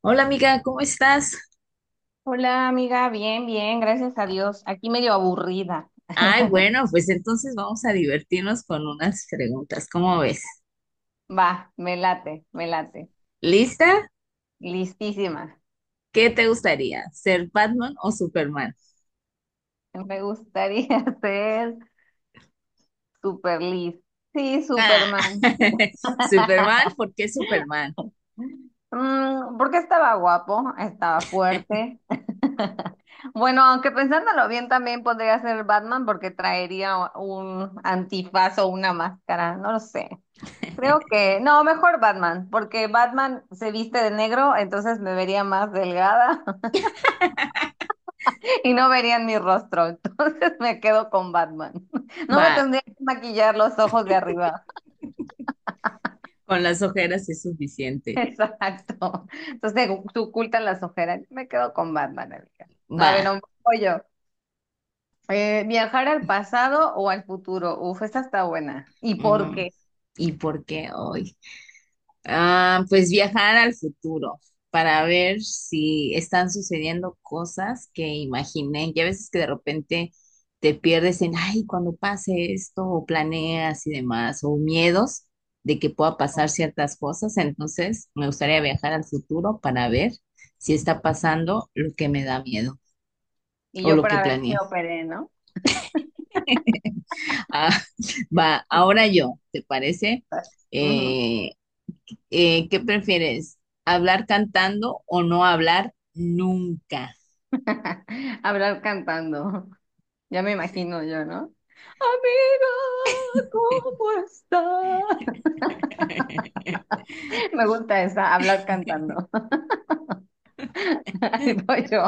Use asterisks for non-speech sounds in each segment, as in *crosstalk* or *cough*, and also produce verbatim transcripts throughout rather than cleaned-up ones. Hola amiga, ¿cómo estás? Hola amiga, bien, bien, gracias a Dios. Aquí medio aburrida. Ay, *laughs* bueno, pues entonces vamos a divertirnos con unas preguntas. ¿Cómo ves? Va, me late, me late. ¿Lista? Listísima. ¿Qué te gustaría? ¿Ser Batman o Superman? Me gustaría *laughs* ser super list. Sí, Ah, Superman. *laughs* Superman, *laughs* ¿por qué Superman? Mm, porque estaba guapo, estaba fuerte. *laughs* Bueno, aunque pensándolo bien, también podría ser Batman porque traería un antifaz o una máscara, no lo sé. Creo que, no, mejor Batman, porque Batman se viste de negro, entonces me vería más delgada *laughs* y no verían mi rostro, *laughs* entonces me quedo con Batman. *laughs* No me Va, tendría que maquillar los ojos de arriba. con las ojeras es *laughs* suficiente. Exacto. Entonces se ocultan las ojeras. Me quedo con Batman, amiga. A Va. ver, un poco yo. Eh, ¿viajar al pasado o al futuro? Uf, esta está buena. ¿Y por Mm, qué? ¿y por qué hoy? Ah, pues viajar al futuro para ver si están sucediendo cosas que imaginé. Ya veces que de repente te pierdes en, ay, cuando pase esto, o planeas y demás, o miedos de que pueda pasar ciertas cosas. Entonces, me gustaría viajar al futuro para ver si está pasando lo que me da miedo Y o yo lo que para ver si me planeé. operé, ¿no? Ah, *laughs* va, ahora *laughs* yo, ¿te parece? Ujú. Eh, Eh, ¿qué prefieres? ¿Hablar cantando o no hablar nunca? *laughs* Hablar cantando. Ya me imagino yo, ¿no? Amiga, ¿cómo estás? *laughs* *laughs* Me gusta esa, hablar cantando. *laughs* Ahí voy yo.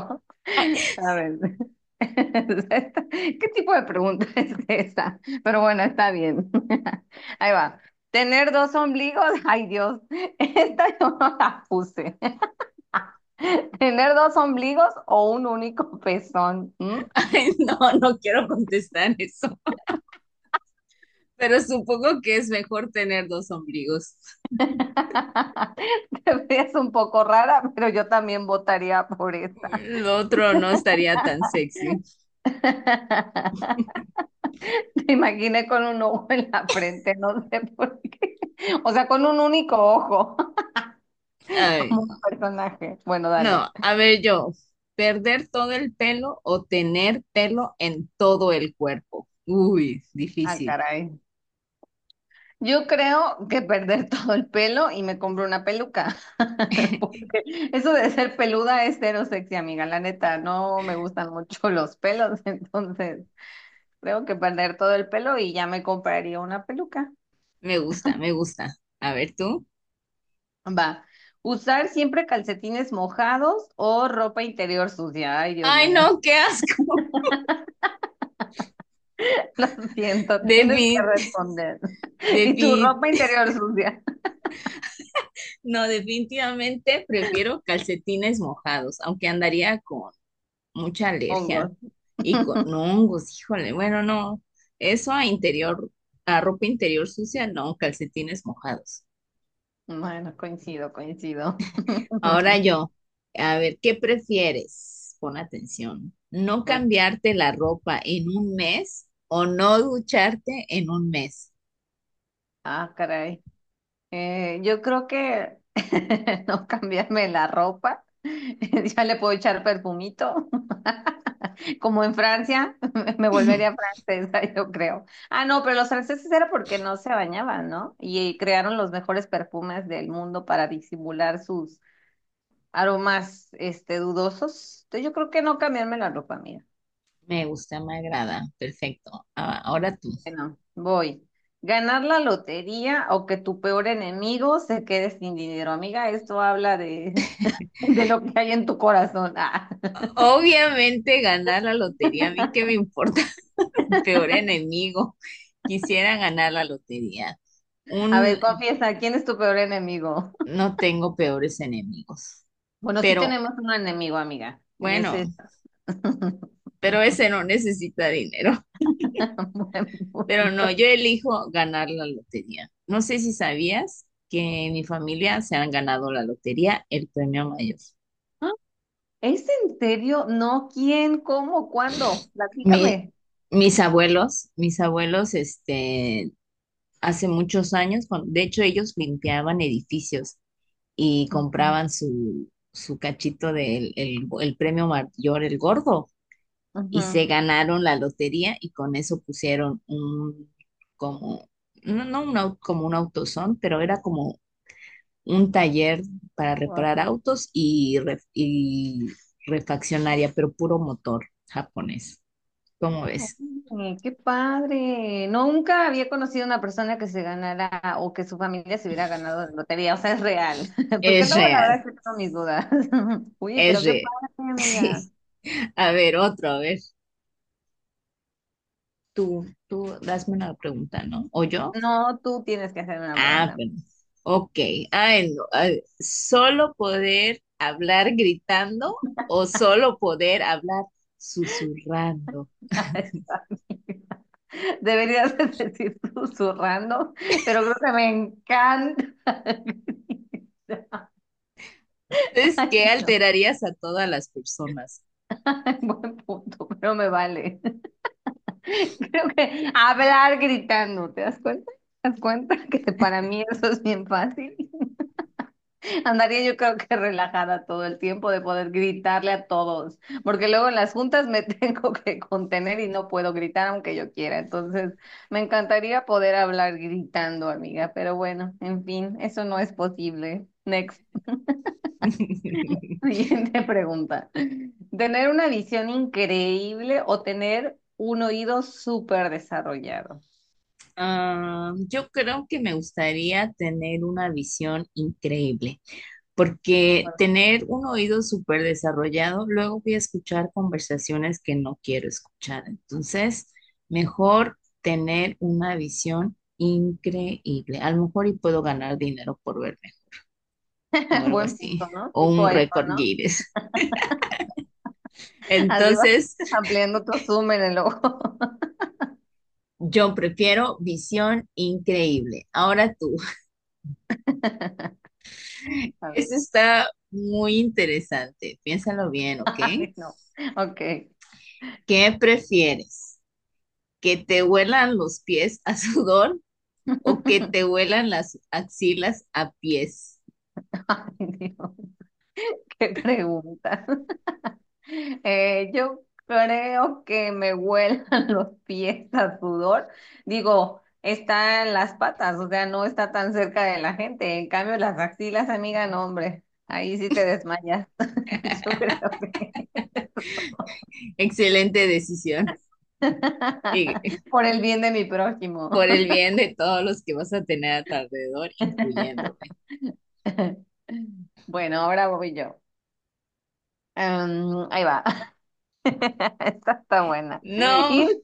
Ay, A ver. *laughs* ¿Qué tipo de pregunta *laughs* es esa? Pero bueno, está bien. *laughs* Ahí va. ¿Tener dos ombligos? *laughs* Ay, Dios. Esta yo no la puse. *laughs* ¿Tener dos ombligos o un único pezón? ¿Mm? ay, no, no quiero contestar eso, pero supongo que es mejor tener dos ombligos. *laughs* Te ves un poco rara, pero yo también votaría por esa. Lo otro no estaría tan sexy. *laughs* Te imaginé con un ojo en la frente, no sé por qué. O sea, con un único ojo, *laughs* Ay, como un personaje. Bueno, no, dale. a ver yo, ¿perder todo el pelo o tener pelo en todo el cuerpo? Uy, Ah, difícil. caray. Yo creo que perder *laughs* todo el pelo y me compro una peluca. *laughs* *laughs* Porque eso de ser peluda es cero sexy, amiga. La neta, no me gustan mucho los pelos, *laughs* entonces creo que perder todo el pelo y ya me compraría una peluca. Me gusta, me gusta. A ver tú. Va. Usar siempre calcetines mojados o ropa interior sucia. Ay, Dios Ay, mío. no, qué asco. *laughs* Lo siento, tienes que *laughs* responder. *laughs* Y tu Defin- ropa interior sucia. No, definitivamente prefiero calcetines mojados, aunque andaría con mucha Hongos. alergia y con *laughs* hongos, híjole, bueno, no, eso a interior, a ropa interior sucia, no, calcetines mojados. Bueno, coincido, coincido. Ahora *laughs* yo, a ver, ¿qué prefieres? Pon atención, ¿no cambiarte la ropa en un mes o no ducharte en un mes? Ah, caray. Eh, yo creo que *laughs* no cambiarme la ropa. *laughs* Ya le puedo echar perfumito. Como en Francia, *laughs* me volvería *laughs* francesa, *laughs* yo creo. Ah, no, pero los franceses era porque no se bañaban, ¿no? Y eh, crearon los mejores perfumes del mundo para disimular sus aromas, este, dudosos. Entonces yo creo que no cambiarme la ropa, mira. Me gusta, me agrada, perfecto. Ah, ahora tú. Bueno, voy. Ganar la lotería o que tu peor enemigo se quede sin dinero. Amiga, esto habla de, *laughs* de lo que hay en tu corazón. *laughs* Ah. Obviamente ganar la lotería, ¿a mí qué me importa? Peor enemigo. *laughs* Quisiera ganar la lotería. A Un, ver, confiesa, ¿quién es tu peor enemigo? *laughs* no tengo peores enemigos. Bueno, sí Pero tenemos un enemigo, amiga, y ese bueno, es... *laughs* pero ese no necesita dinero. *laughs* Buen *laughs* Pero no, punto. yo elijo ganar la lotería. No sé si sabías que en mi familia se han ganado la lotería, el premio mayor. ¿Es en serio? No, ¿quién? ¿Cómo? ¿Cuándo? Mi- Platícame. mis abuelos, mis abuelos, este, hace muchos años, cuan- de hecho ellos limpiaban edificios y Ujú, compraban su, su cachito del el, el premio mayor, el gordo, y ujú. se ganaron la lotería y con eso pusieron un, como, no, no un, au- como un autosón, pero era como un taller para Guau. reparar autos y, ref- y refaccionaria, pero puro motor japonés. ¿Cómo ves? Oye, qué padre. No, nunca había conocido una persona que se ganara o que su familia se hubiera ganado la lotería. O sea, es real. *laughs* Porque Es luego la verdad real, es que tengo mis dudas. *laughs* Oye, es pero qué real. padre, *laughs* amiga. Sí. A ver, otro, a ver. Tú, tú, hazme una pregunta, ¿no? ¿O yo? No, tú tienes que hacerme una Ah, pregunta. bueno, ok. Ah, no, ay, ¿solo poder hablar gritando o solo poder hablar susurrando? *laughs* Deberías de decir susurrando, pero creo que me encanta. *laughs* Es que Ay, no. alterarías a todas las personas. *laughs* Buen punto, pero me vale. *laughs* Creo que hablar gritando, ¿te das cuenta? ¿Te das cuenta que para mí eso es bien fácil? *laughs* Andaría yo creo que relajada todo el tiempo de poder gritarle a todos, porque luego en las juntas me *laughs* tengo que contener y no puedo gritar aunque yo quiera. Entonces, me encantaría poder hablar gritando, amiga, pero bueno, en fin, eso no es posible. Next. *laughs* *laughs* Siguiente pregunta. ¿Tener una visión increíble o tener un oído súper desarrollado? Ah, yo creo que me gustaría tener una visión increíble, porque tener un oído súper desarrollado, luego voy a escuchar conversaciones que no quiero escuchar. Entonces, mejor tener una visión increíble. A lo mejor y puedo ganar dinero por verme o *laughs* algo Buen así, punto, ¿no? o Tipo un iPhone, récord ¿no? Guinness. Así vas Entonces, *laughs* ampliando tu zoom en el ojo. yo prefiero visión increíble. Ahora tú, *laughs* *laughs* A ver. eso está muy interesante. Piénsalo bien, ¿ok? Ay, no. Ok. ¿Qué prefieres? ¿Que te huelan los pies a sudor o que te *laughs* huelan las axilas a pies? Ay, Dios, qué pregunta. Eh, yo creo que me huelan *laughs* los pies a sudor. Digo, está en las patas, o sea, no está tan cerca de la gente. En cambio, las axilas, amiga, no, hombre, ahí sí te desmayas. *laughs* Yo creo que Excelente decisión. *laughs* Y por el bien de mi prójimo. por el bien de todos los que vas a tener a tu alrededor, incluyéndome. *laughs* Bueno, ahora voy yo. Em, ahí va. *laughs* Esta está buena. No, Ir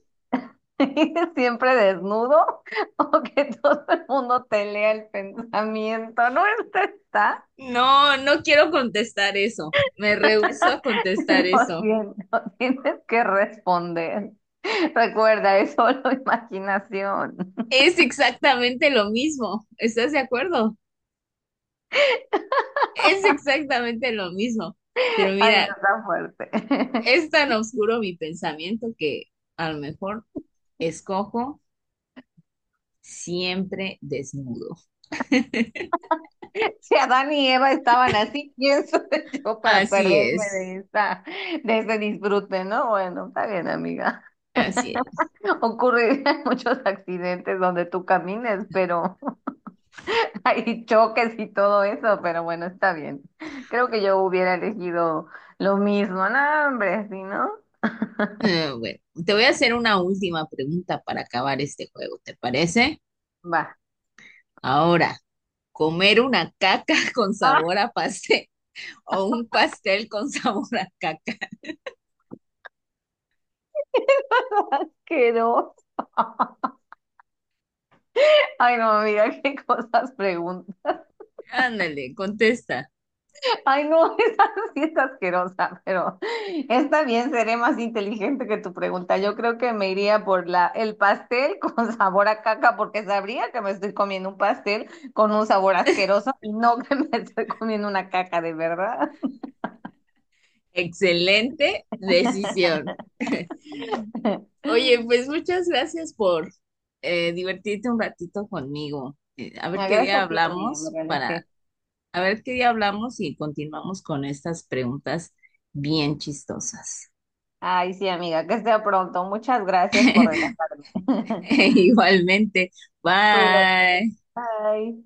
*laughs* siempre desnudo o que todo el mundo te lea el pensamiento. No, esta está. no, no quiero contestar eso. Me rehúso a *laughs* contestar Lo eso. siento, tienes que responder. Recuerda, es solo *laughs* imaginación. Es exactamente lo mismo. ¿Estás de acuerdo? Es exactamente lo mismo. Pero Ay, no mira, está fuerte. *laughs* es tan oscuro mi pensamiento que a lo mejor escojo siempre desnudo. Si Adán y Eva estaban así, ¿quién soy *laughs* yo para Así perderme es. de esta, de ese disfrute, no? Bueno, está bien, amiga. Así es. *laughs* Ocurrirían muchos accidentes donde tú camines, pero hay choques y todo eso, pero bueno, está bien. Creo que yo hubiera elegido lo mismo. No, hombre, si no, Eh, bueno, te voy a hacer una última pregunta para acabar este juego, ¿te parece? va. Ahora, ¿comer una caca *laughs* con Asqueroso. sabor a pastel o un pastel con *laughs* sabor a caca? Ay, no, amiga, *laughs* qué cosas preguntas. Ándale, contesta. Ay, no, *laughs* esa sí es asquerosa, pero está bien, seré más inteligente que tu pregunta. Yo creo que me iría por la, el pastel con *laughs* sabor a caca, porque sabría que me estoy comiendo un pastel con un sabor asqueroso y no *laughs* que me estoy comiendo una caca de verdad. Excelente decisión. *laughs* Oye, pues muchas gracias por eh, divertirte un ratito conmigo. Eh, a ver Ah, qué día gracias a ti, amiga. Me hablamos para, relajé. a ver qué día hablamos y continuamos con estas preguntas bien chistosas. Ay, sí, amiga, que esté pronto. Muchas gracias por relajarme. *laughs* *laughs* Igualmente. Cuídate. Bye. Bye.